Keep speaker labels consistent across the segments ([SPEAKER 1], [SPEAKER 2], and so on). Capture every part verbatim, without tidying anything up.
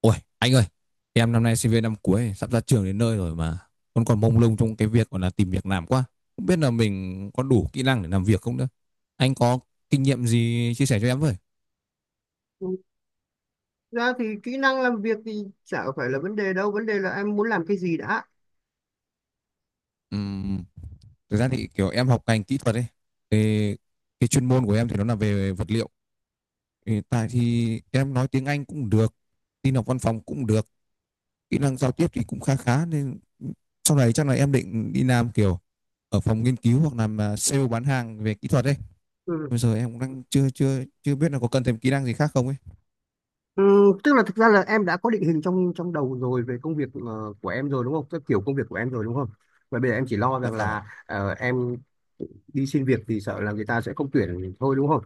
[SPEAKER 1] Ôi, anh ơi, em năm nay sinh viên năm cuối, sắp ra trường đến nơi rồi mà vẫn còn mông lung trong cái việc gọi là tìm việc làm quá. Không biết là mình có đủ kỹ năng để làm việc không nữa. Anh có kinh nghiệm gì chia sẻ cho em với?
[SPEAKER 2] Ừ, ra thì kỹ năng làm việc thì chả phải là vấn đề đâu. Vấn đề là em muốn làm cái gì đã.
[SPEAKER 1] Ừm, Thực ra thì kiểu em học ngành kỹ thuật ấy, thì cái chuyên môn của em thì nó là về vật liệu. Thì tại thì em nói tiếng Anh cũng được, tin học văn phòng cũng được, kỹ năng giao tiếp thì cũng khá khá, nên sau này chắc là em định đi làm kiểu ở phòng nghiên cứu hoặc làm à, sale bán hàng về kỹ thuật ấy.
[SPEAKER 2] Ừ.
[SPEAKER 1] Bây giờ em cũng đang chưa chưa chưa biết là có cần thêm kỹ năng gì khác không ấy.
[SPEAKER 2] Ừ, tức là thực ra là em đã có định hình trong trong đầu rồi về công việc, ờ, của em rồi, đúng không? Cái kiểu công việc của em rồi, đúng không? Và bây giờ em chỉ lo
[SPEAKER 1] Dạ
[SPEAKER 2] rằng
[SPEAKER 1] vâng ạ.
[SPEAKER 2] là, ờ, em đi xin việc thì sợ là người ta sẽ không tuyển thôi, đúng không?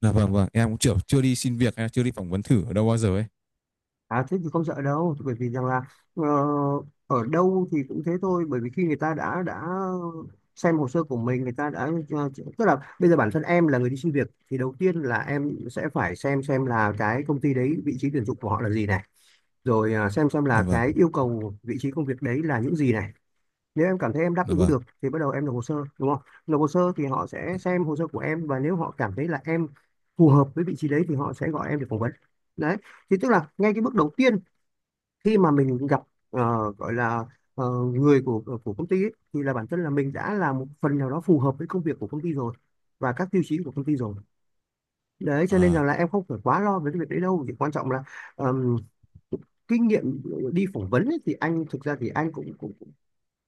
[SPEAKER 1] Dạ vâng, vâng, em cũng chưa chưa đi xin việc hay là chưa đi phỏng vấn thử ở đâu bao giờ ấy.
[SPEAKER 2] À thế thì không sợ đâu, bởi vì rằng là, ờ, ở đâu thì cũng thế thôi. Bởi vì khi người ta đã đã xem hồ sơ của mình, người ta đã ờ, tức là bây giờ bản thân em là người đi xin việc thì đầu tiên là em sẽ phải xem xem là cái công ty đấy vị trí tuyển dụng của họ là gì này, rồi ờ, xem xem
[SPEAKER 1] Dạ
[SPEAKER 2] là
[SPEAKER 1] vâng.
[SPEAKER 2] cái yêu cầu vị trí công việc đấy là những gì này. Nếu em cảm thấy em đáp
[SPEAKER 1] Dạ
[SPEAKER 2] ứng
[SPEAKER 1] vâng.
[SPEAKER 2] được thì bắt đầu em nộp hồ sơ, đúng không? Nộp hồ sơ thì họ sẽ xem hồ sơ của em, và nếu họ cảm thấy là em phù hợp với vị trí đấy thì họ sẽ gọi em để phỏng vấn. Đấy, thì tức là ngay cái bước đầu tiên khi mà mình gặp, ờ, gọi là ờ, người của ờ, của công ty ấy, thì là bản thân là mình đã là một phần nào đó phù hợp với công việc của công ty rồi và các tiêu chí của công ty rồi. Đấy, cho nên rằng
[SPEAKER 1] À.
[SPEAKER 2] là em không phải quá lo về cái việc đấy đâu. Chỉ quan trọng là ờm, kinh nghiệm đi phỏng vấn ấy, thì anh thực ra thì anh cũng cũng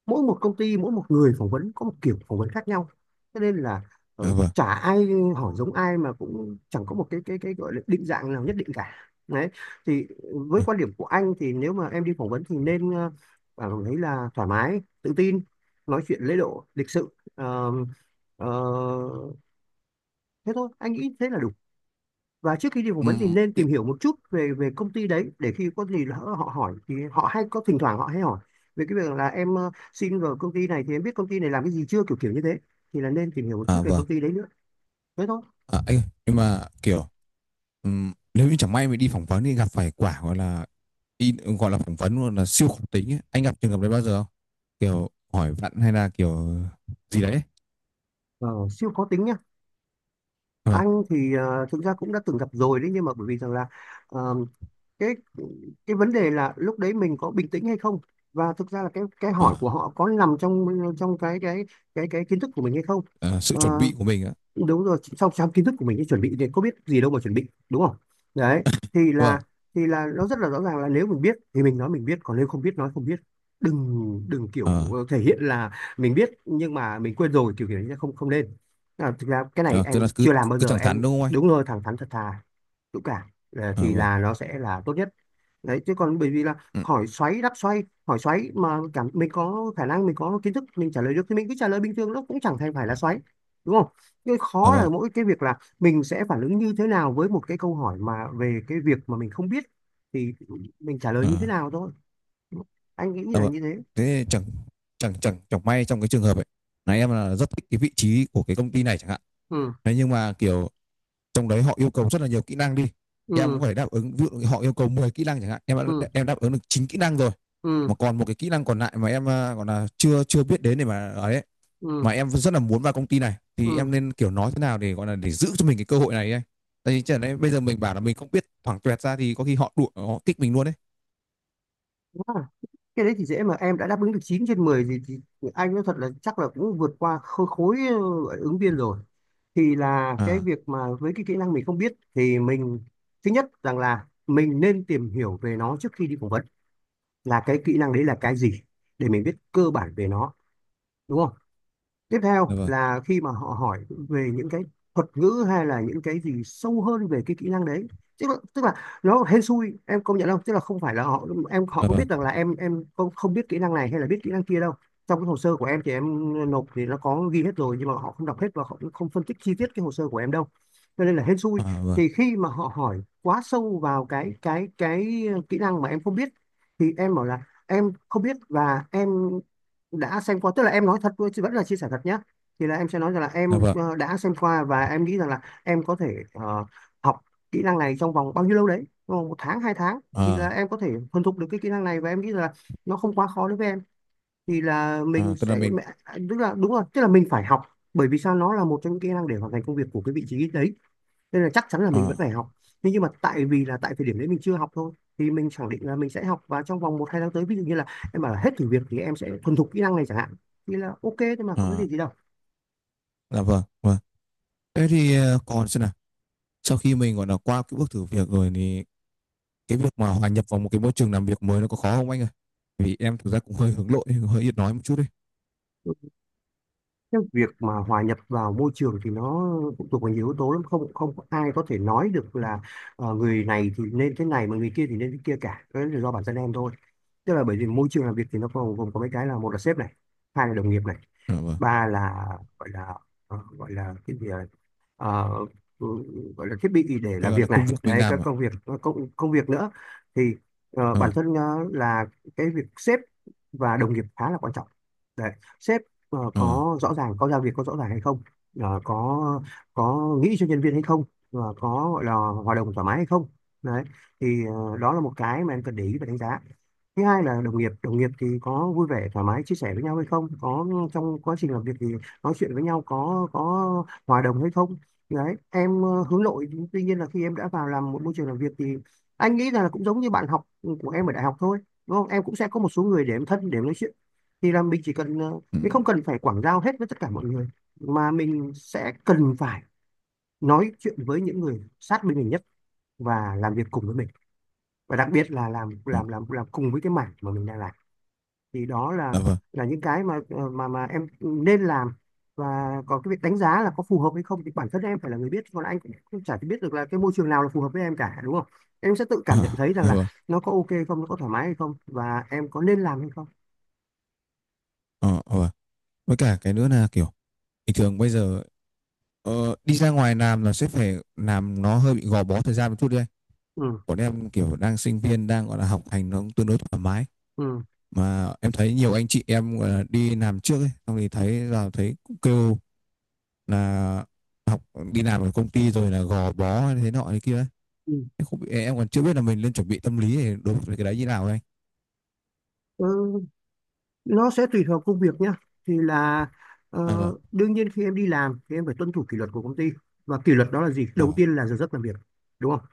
[SPEAKER 2] mỗi một công ty mỗi một người phỏng vấn có một kiểu phỏng vấn khác nhau, cho nên là
[SPEAKER 1] Dạ
[SPEAKER 2] ờ,
[SPEAKER 1] vâng.
[SPEAKER 2] chả ai hỏi giống ai, mà cũng chẳng có một cái cái cái gọi là định dạng nào nhất định cả. Đấy, thì với
[SPEAKER 1] À,
[SPEAKER 2] quan điểm của anh thì nếu mà em đi phỏng vấn thì nên ờ, cảm thấy là thoải mái, tự tin, nói chuyện lễ độ, lịch sự. Ờ, ờ, Thế thôi, anh nghĩ thế là đủ. Và trước khi đi phỏng vấn thì
[SPEAKER 1] ừm,
[SPEAKER 2] nên tìm hiểu một chút về về công ty đấy, để khi có gì lỡ họ hỏi, thì họ hay có thỉnh thoảng họ hay hỏi về cái việc là em ờ, xin vào công ty này thì em biết công ty này làm cái gì chưa, kiểu kiểu như thế. Thì là nên tìm hiểu một chút
[SPEAKER 1] à
[SPEAKER 2] về
[SPEAKER 1] vâng.
[SPEAKER 2] công ty đấy nữa, thế thôi.
[SPEAKER 1] À, anh ơi, nhưng mà kiểu ừm, nếu như chẳng may mình đi phỏng vấn thì gặp phải quả gọi là đi gọi là phỏng vấn luôn là siêu khủng tính ấy. Anh gặp trường hợp đấy bao giờ không? Kiểu hỏi vặn hay là kiểu gì đấy?
[SPEAKER 2] Ờ, siêu khó tính nhá.
[SPEAKER 1] Vâng.
[SPEAKER 2] Anh thì ờ, thực ra cũng đã từng gặp rồi đấy, nhưng mà bởi vì rằng là, ờ, cái cái vấn đề là lúc đấy mình có bình tĩnh hay không, và thực ra là cái cái hỏi
[SPEAKER 1] à,
[SPEAKER 2] của họ có nằm trong trong cái cái cái cái kiến thức của mình hay không.
[SPEAKER 1] à, sự chuẩn
[SPEAKER 2] Ờ,
[SPEAKER 1] bị của mình á.
[SPEAKER 2] đúng rồi, trong trong kiến thức của mình ấy, chuẩn bị thì có biết gì đâu mà chuẩn bị, đúng không? Đấy, thì
[SPEAKER 1] Vâng.
[SPEAKER 2] là thì là nó rất là rõ ràng là nếu mình biết thì mình nói mình biết, còn nếu không biết nói không biết. Đừng đừng kiểu
[SPEAKER 1] à,
[SPEAKER 2] ờ, thể hiện là mình biết nhưng mà mình quên rồi, kiểu kiểu như thế, không, không nên. À, thực ra cái này
[SPEAKER 1] à, cứ là
[SPEAKER 2] em
[SPEAKER 1] cứ
[SPEAKER 2] chưa làm bao
[SPEAKER 1] cứ
[SPEAKER 2] giờ
[SPEAKER 1] thẳng thắn
[SPEAKER 2] em
[SPEAKER 1] đúng không anh?
[SPEAKER 2] đúng rồi, thẳng thắn thật thà dũng cảm. À,
[SPEAKER 1] À,
[SPEAKER 2] thì
[SPEAKER 1] vâng.
[SPEAKER 2] là nó sẽ là tốt nhất. Đấy, chứ còn bởi vì là
[SPEAKER 1] Ừ.
[SPEAKER 2] hỏi xoáy đáp xoay, hỏi xoáy mà cảm mình có khả năng, mình có kiến thức, mình trả lời được, thì mình cứ trả lời bình thường, nó cũng chẳng thành phải là xoáy, đúng không? Cái
[SPEAKER 1] Ờ,
[SPEAKER 2] khó là
[SPEAKER 1] vâng.
[SPEAKER 2] mỗi cái việc là mình sẽ phản ứng như thế nào với một cái câu hỏi mà về cái việc mà mình không biết, thì mình trả lời
[SPEAKER 1] Ờ.
[SPEAKER 2] như thế nào thôi. Anh nghĩ
[SPEAKER 1] Ờ,
[SPEAKER 2] là
[SPEAKER 1] vâng.
[SPEAKER 2] như thế.
[SPEAKER 1] Thế chẳng chẳng chẳng chẳng may trong cái trường hợp ấy là em là rất thích cái vị trí của cái công ty này chẳng hạn.
[SPEAKER 2] Ừ.
[SPEAKER 1] Thế nhưng mà kiểu trong đấy họ yêu cầu rất là nhiều kỹ năng đi, em cũng
[SPEAKER 2] Ừ.
[SPEAKER 1] phải đáp ứng. Ví dụ họ yêu cầu mười kỹ năng chẳng hạn, em
[SPEAKER 2] Ừ.
[SPEAKER 1] đã, em đáp ứng được chín kỹ năng rồi, mà
[SPEAKER 2] Ừ.
[SPEAKER 1] còn một cái kỹ năng còn lại mà em à, gọi là chưa chưa biết đến để mà ấy,
[SPEAKER 2] Ừ.
[SPEAKER 1] mà em rất là muốn vào công ty này thì
[SPEAKER 2] Ừ.
[SPEAKER 1] em nên kiểu nói thế nào để gọi là để giữ cho mình cái cơ hội này ấy. Tại vì chẳng lẽ bây giờ mình bảo là mình không biết thoảng tuẹt ra thì có khi họ đuổi, họ kích mình luôn đấy.
[SPEAKER 2] Cái đấy thì dễ mà, em đã đáp ứng được chín trên mười gì thì anh nói thật là chắc là cũng vượt qua khối, khối ờ, ứng viên rồi. Thì là cái
[SPEAKER 1] À,
[SPEAKER 2] việc mà với cái kỹ năng mình không biết thì mình, thứ nhất rằng là mình nên tìm hiểu về nó trước khi đi phỏng vấn, là cái kỹ năng đấy là cái gì, để mình biết cơ bản về nó, đúng không? Tiếp theo
[SPEAKER 1] dạ vâng.
[SPEAKER 2] là khi mà họ hỏi về những cái thuật ngữ hay là những cái gì sâu hơn về cái kỹ năng đấy, tức là, tức là nó hên xui em công nhận không, tức là không phải là họ em họ
[SPEAKER 1] Dạ
[SPEAKER 2] có
[SPEAKER 1] vâng.
[SPEAKER 2] biết rằng là em em không không biết kỹ năng này hay là biết kỹ năng kia đâu. Trong cái hồ sơ của em thì em nộp, thì nó có ghi hết rồi, nhưng mà họ không đọc hết và họ cũng không phân tích chi tiết cái hồ sơ của em đâu, cho nên là hên xui.
[SPEAKER 1] À, vâng.
[SPEAKER 2] Thì khi mà họ hỏi quá sâu vào cái cái cái kỹ năng mà em không biết, thì em bảo là em không biết và em đã xem qua, tức là em nói thật thôi, chứ vẫn là chia sẻ thật nhé. Thì là em sẽ nói rằng là em
[SPEAKER 1] Dạ vâng.
[SPEAKER 2] ờ, đã xem qua và em nghĩ rằng là em có thể, ờ, học kỹ năng này trong vòng bao nhiêu lâu đấy, trong vòng một tháng hai tháng thì là
[SPEAKER 1] À,
[SPEAKER 2] em có thể thuần thục được cái kỹ năng này, và em nghĩ rằng là nó không quá khó đối với em. Thì là mình
[SPEAKER 1] à, tức là
[SPEAKER 2] sẽ
[SPEAKER 1] mình,
[SPEAKER 2] mẹ- Tức là đúng rồi, tức là mình phải học. Bởi vì sao, nó là một trong những kỹ năng để hoàn thành công việc của cái vị trí đấy, nên là chắc chắn là mình vẫn
[SPEAKER 1] à,
[SPEAKER 2] phải học. Nhưng nhưng mà tại vì là tại thời điểm đấy mình chưa học thôi, thì mình khẳng định là mình sẽ học, và trong vòng một hai tháng tới, ví dụ như là em bảo là hết thử việc thì em sẽ thuần thục kỹ năng này chẳng hạn. Thì là ok thôi, mà có vấn đề
[SPEAKER 1] à,
[SPEAKER 2] gì đâu.
[SPEAKER 1] dạ vâng, vâng. Thế thì ờ, còn xem nào. Sau khi mình gọi là qua cái bước thử việc rồi thì cái việc mà hòa nhập vào một cái môi trường làm việc mới nó có khó không anh ơi? Vì em thực ra cũng hơi hướng nội, hơi ít nói một chút đấy.
[SPEAKER 2] Cái việc mà hòa nhập vào môi trường thì nó phụ thuộc vào nhiều yếu tố lắm, không, không có ai có thể nói được là ờ, người này thì nên thế này mà người kia thì nên thế kia cả. Cái đó là do bản thân em thôi. Tức là bởi vì môi trường làm việc thì nó gồm gồm có mấy cái là: một là sếp này, hai là đồng nghiệp này,
[SPEAKER 1] Dạ vâng.
[SPEAKER 2] ba là gọi là, ờ, gọi là cái gì à? ờ, ừ, Gọi là thiết bị để
[SPEAKER 1] Cái
[SPEAKER 2] làm
[SPEAKER 1] gọi là
[SPEAKER 2] việc này,
[SPEAKER 1] công việc mình
[SPEAKER 2] đấy các
[SPEAKER 1] làm ạ.
[SPEAKER 2] công việc, các công công việc nữa. Thì, ờ, bản
[SPEAKER 1] Ờ.
[SPEAKER 2] thân, ờ, là cái việc sếp và đồng nghiệp khá là quan trọng. Đấy, sếp ờ,
[SPEAKER 1] Ờ.
[SPEAKER 2] có rõ ràng, có giao việc có rõ ràng hay không, Ờ, có có nghĩ cho nhân viên hay không, và có gọi là hòa đồng thoải mái hay không. Đấy, thì ờ, đó là một cái mà em cần để ý và đánh giá. Thứ hai là đồng nghiệp. Đồng nghiệp thì có vui vẻ thoải mái chia sẻ với nhau hay không, có trong quá trình làm việc thì nói chuyện với nhau có có hòa đồng hay không. Đấy, em ờ, hướng nội, tuy nhiên là khi em đã vào làm một môi trường làm việc thì anh nghĩ rằng là cũng giống như bạn học của em ở đại học thôi, đúng không? Em cũng sẽ có một số người để em thân, để em nói chuyện. Thì là mình chỉ cần, ờ,
[SPEAKER 1] Ừ.
[SPEAKER 2] mình không cần phải quảng giao hết với tất cả mọi người, mà mình sẽ cần phải nói chuyện với những người sát bên mình nhất và làm việc cùng với mình, và đặc biệt là làm
[SPEAKER 1] Ừ.
[SPEAKER 2] làm làm làm cùng với cái mảng mà mình đang làm. Thì đó là
[SPEAKER 1] Dạ vâng.
[SPEAKER 2] là những cái mà ờ, mà mà em nên làm. Và còn cái việc đánh giá là có phù hợp hay không thì bản thân em phải là người biết, còn anh cũng cũng chả biết được là cái môi trường nào là phù hợp với em cả, đúng không? Em sẽ tự cảm nhận
[SPEAKER 1] À,
[SPEAKER 2] thấy rằng
[SPEAKER 1] dạ
[SPEAKER 2] là
[SPEAKER 1] vâng.
[SPEAKER 2] nó có ok không, nó có thoải mái hay không, và em có nên làm hay không.
[SPEAKER 1] Ờ, ờ, vâng. Với cả cái nữa là kiểu bình thường bây giờ ờ, đi ra ngoài làm là sẽ phải làm, nó hơi bị gò bó thời gian một chút đấy anh.
[SPEAKER 2] Ừ.
[SPEAKER 1] Còn em kiểu đang sinh viên, đang gọi là học hành nó cũng tương đối thoải mái,
[SPEAKER 2] Ừ,
[SPEAKER 1] mà em thấy nhiều anh chị em đi làm trước ấy xong thì thấy là thấy cũng kêu là học đi làm ở công ty rồi là gò bó hay thế nọ thế kia ấy.
[SPEAKER 2] ừ.
[SPEAKER 1] Em không em còn chưa biết là mình nên chuẩn bị tâm lý để đối với cái đấy như nào ấy anh.
[SPEAKER 2] Ừ, nó sẽ tùy thuộc công việc nhá. thì là ờ,
[SPEAKER 1] À, vâng.
[SPEAKER 2] Đương nhiên khi em đi làm thì em phải tuân thủ kỷ luật của công ty, và kỷ luật đó là gì?
[SPEAKER 1] À,
[SPEAKER 2] Đầu
[SPEAKER 1] vâng.
[SPEAKER 2] tiên là giờ giấc làm việc, đúng không?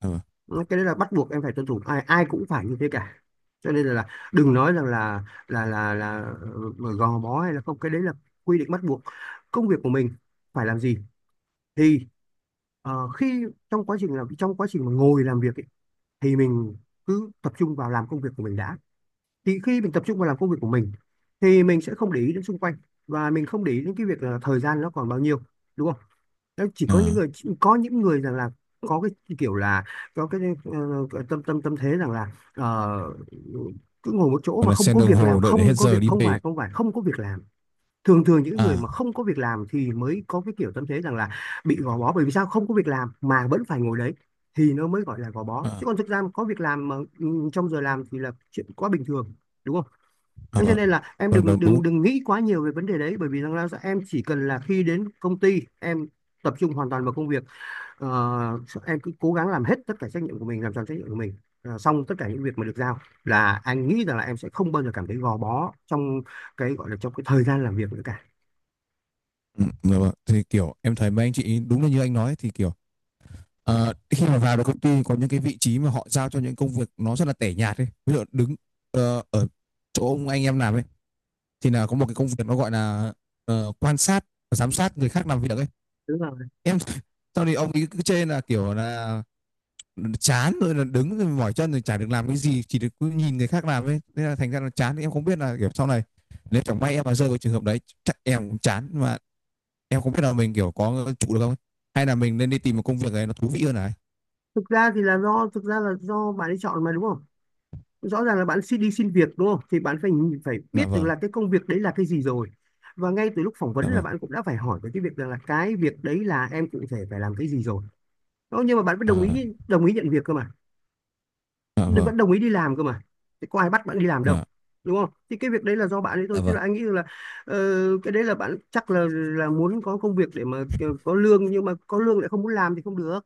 [SPEAKER 1] À, vâng.
[SPEAKER 2] Cái đấy là bắt buộc em phải tuân thủ, ai ai cũng phải như thế cả. Cho nên là, là đừng nói rằng là là là là ờ, gò bó hay là không, cái đấy là quy định bắt buộc. Công việc của mình phải làm gì thì ờ, khi trong quá trình làm, trong quá trình mà ngồi làm việc ấy, thì mình cứ tập trung vào làm công việc của mình đã. Thì khi mình tập trung vào làm công việc của mình thì mình sẽ không để ý đến xung quanh, và mình không để ý đến cái việc là thời gian nó còn bao nhiêu, đúng không? Đấy, chỉ có những
[SPEAKER 1] À,
[SPEAKER 2] người có những người rằng là có cái kiểu là có cái ờ, ờ, tâm tâm tâm thế rằng là ờ, cứ ngồi một chỗ
[SPEAKER 1] còn
[SPEAKER 2] mà
[SPEAKER 1] là
[SPEAKER 2] không
[SPEAKER 1] xem
[SPEAKER 2] có
[SPEAKER 1] đồng
[SPEAKER 2] việc làm,
[SPEAKER 1] hồ đợi để hết
[SPEAKER 2] không có
[SPEAKER 1] giờ
[SPEAKER 2] việc,
[SPEAKER 1] đi
[SPEAKER 2] không
[SPEAKER 1] về.
[SPEAKER 2] phải không phải không có việc làm. Thường thường những người
[SPEAKER 1] À.
[SPEAKER 2] mà không có việc làm thì mới có cái kiểu tâm thế rằng là bị gò bó, bởi vì sao không có việc làm mà vẫn phải ngồi đấy, thì nó mới gọi là gò bó.
[SPEAKER 1] À.
[SPEAKER 2] Chứ còn thực ra mà có việc làm mà ừ, trong giờ làm thì là chuyện quá bình thường, đúng không?
[SPEAKER 1] À,
[SPEAKER 2] Thế cho
[SPEAKER 1] vâng.
[SPEAKER 2] nên là em
[SPEAKER 1] Vâng,
[SPEAKER 2] đừng
[SPEAKER 1] đúng, đúng.
[SPEAKER 2] đừng đừng nghĩ quá nhiều về vấn đề đấy, bởi vì rằng là em chỉ cần là khi đến công ty em tập trung hoàn toàn vào công việc. Ờ, em cứ cố gắng làm hết tất cả trách nhiệm của mình, làm tròn trách nhiệm của mình, Ờ, xong tất cả những việc mà được giao, là anh nghĩ rằng là em sẽ không bao giờ cảm thấy gò bó trong cái gọi là trong cái thời gian làm việc nữa cả.
[SPEAKER 1] Ừ, dạ vâng, thì kiểu em thấy mấy anh chị đúng là như anh nói thì kiểu. Ờ, khi mà vào được công ty có những cái vị trí mà họ giao cho những công việc nó rất là tẻ nhạt ấy. Ví dụ đứng ờ, ở chỗ ông anh em làm ấy thì là có một cái công việc nó gọi là ờ, quan sát và giám sát người khác làm việc ấy.
[SPEAKER 2] Đúng rồi.
[SPEAKER 1] Em sau thì ông ấy cứ chê là kiểu là chán rồi là đứng rồi mỏi chân rồi chả được làm cái gì, chỉ được cứ nhìn người khác làm ấy. Nên là thành ra là chán, thì em không biết là kiểu sau này nếu chẳng may em mà rơi vào trường hợp đấy chắc em cũng chán, mà em không biết là mình kiểu có trụ được không ấy. Hay là mình nên đi tìm một công việc này nó thú vị hơn này.
[SPEAKER 2] Thực ra thì là do, thực ra là do bạn ấy chọn mà, đúng không? Rõ ràng là bạn xin đi xin việc đúng không, thì bạn phải phải
[SPEAKER 1] Dạ
[SPEAKER 2] biết được
[SPEAKER 1] vâng,
[SPEAKER 2] là cái công việc đấy là cái gì rồi, và ngay từ lúc phỏng
[SPEAKER 1] dạ
[SPEAKER 2] vấn là
[SPEAKER 1] vâng.
[SPEAKER 2] bạn cũng đã phải hỏi về cái việc rằng là cái việc đấy là em cụ thể phải làm cái gì rồi. Đó, nhưng mà bạn vẫn đồng
[SPEAKER 1] Ờ.
[SPEAKER 2] ý đồng ý nhận việc cơ mà,
[SPEAKER 1] Dạ vâng.
[SPEAKER 2] vẫn đồng ý đi làm cơ mà, thì có ai bắt bạn đi làm đâu,
[SPEAKER 1] Dạ.
[SPEAKER 2] đúng không? Thì cái việc đấy là do bạn ấy thôi,
[SPEAKER 1] Dạ
[SPEAKER 2] chứ
[SPEAKER 1] vâng.
[SPEAKER 2] là anh nghĩ là ờ, cái đấy là bạn chắc là là muốn có công việc để mà có lương, nhưng mà có lương lại không muốn làm thì không được,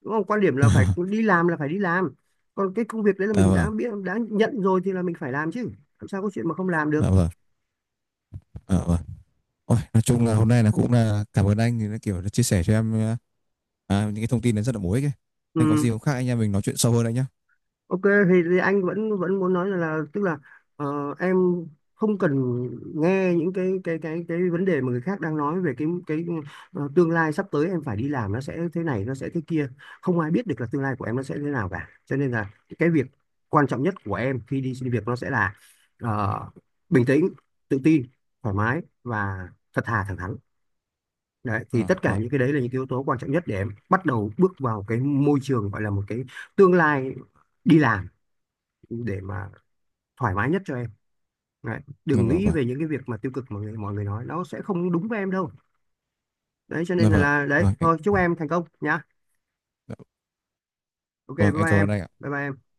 [SPEAKER 2] đúng không? Quan điểm là phải đi làm, là phải đi làm. Còn cái công việc đấy là
[SPEAKER 1] Dạ
[SPEAKER 2] mình
[SPEAKER 1] vâng.
[SPEAKER 2] đã biết, đã nhận rồi thì là mình phải làm chứ, làm sao có chuyện mà không làm được.
[SPEAKER 1] Dạ vâng. Dạ vâng. Ôi, nói chung là hôm nay là cũng là cảm ơn anh thì nó kiểu là chia sẻ cho em à, à, những cái thông tin nó rất là bổ ích ấy.
[SPEAKER 2] Ừ.
[SPEAKER 1] Nên có gì không khác anh em mình nói chuyện sâu hơn anh nhé.
[SPEAKER 2] Ok, thì, thì anh vẫn vẫn muốn nói là, là tức là ờ, em không cần nghe những cái cái cái cái vấn đề mà người khác đang nói về cái cái ờ, tương lai sắp tới em phải đi làm, nó sẽ thế này nó sẽ thế kia. Không ai biết được là tương lai của em nó sẽ thế nào cả, cho nên là cái việc quan trọng nhất của em khi đi xin việc nó sẽ là ờ, bình tĩnh, tự tin, thoải mái và thật thà thẳng thắn. Đấy, thì
[SPEAKER 1] À,
[SPEAKER 2] tất cả
[SPEAKER 1] vâng.
[SPEAKER 2] những cái đấy là những cái yếu tố quan trọng nhất để em bắt đầu bước vào cái môi trường gọi là một cái tương lai đi làm để mà thoải mái nhất cho em. Đấy.
[SPEAKER 1] Dạ
[SPEAKER 2] Đừng
[SPEAKER 1] vâng.
[SPEAKER 2] nghĩ
[SPEAKER 1] Vâng.
[SPEAKER 2] về những cái việc mà tiêu cực mà người, mọi người nói, nó sẽ không đúng với em đâu. Đấy cho nên
[SPEAKER 1] Dạ
[SPEAKER 2] là,
[SPEAKER 1] vâng.
[SPEAKER 2] là
[SPEAKER 1] Dạ
[SPEAKER 2] đấy
[SPEAKER 1] vâng. Em-
[SPEAKER 2] thôi, chúc em thành công nhá.
[SPEAKER 1] dạ
[SPEAKER 2] Ok, bye
[SPEAKER 1] Vâng, em
[SPEAKER 2] bye
[SPEAKER 1] cảm
[SPEAKER 2] em.
[SPEAKER 1] ơn anh ạ.
[SPEAKER 2] Bye bye em.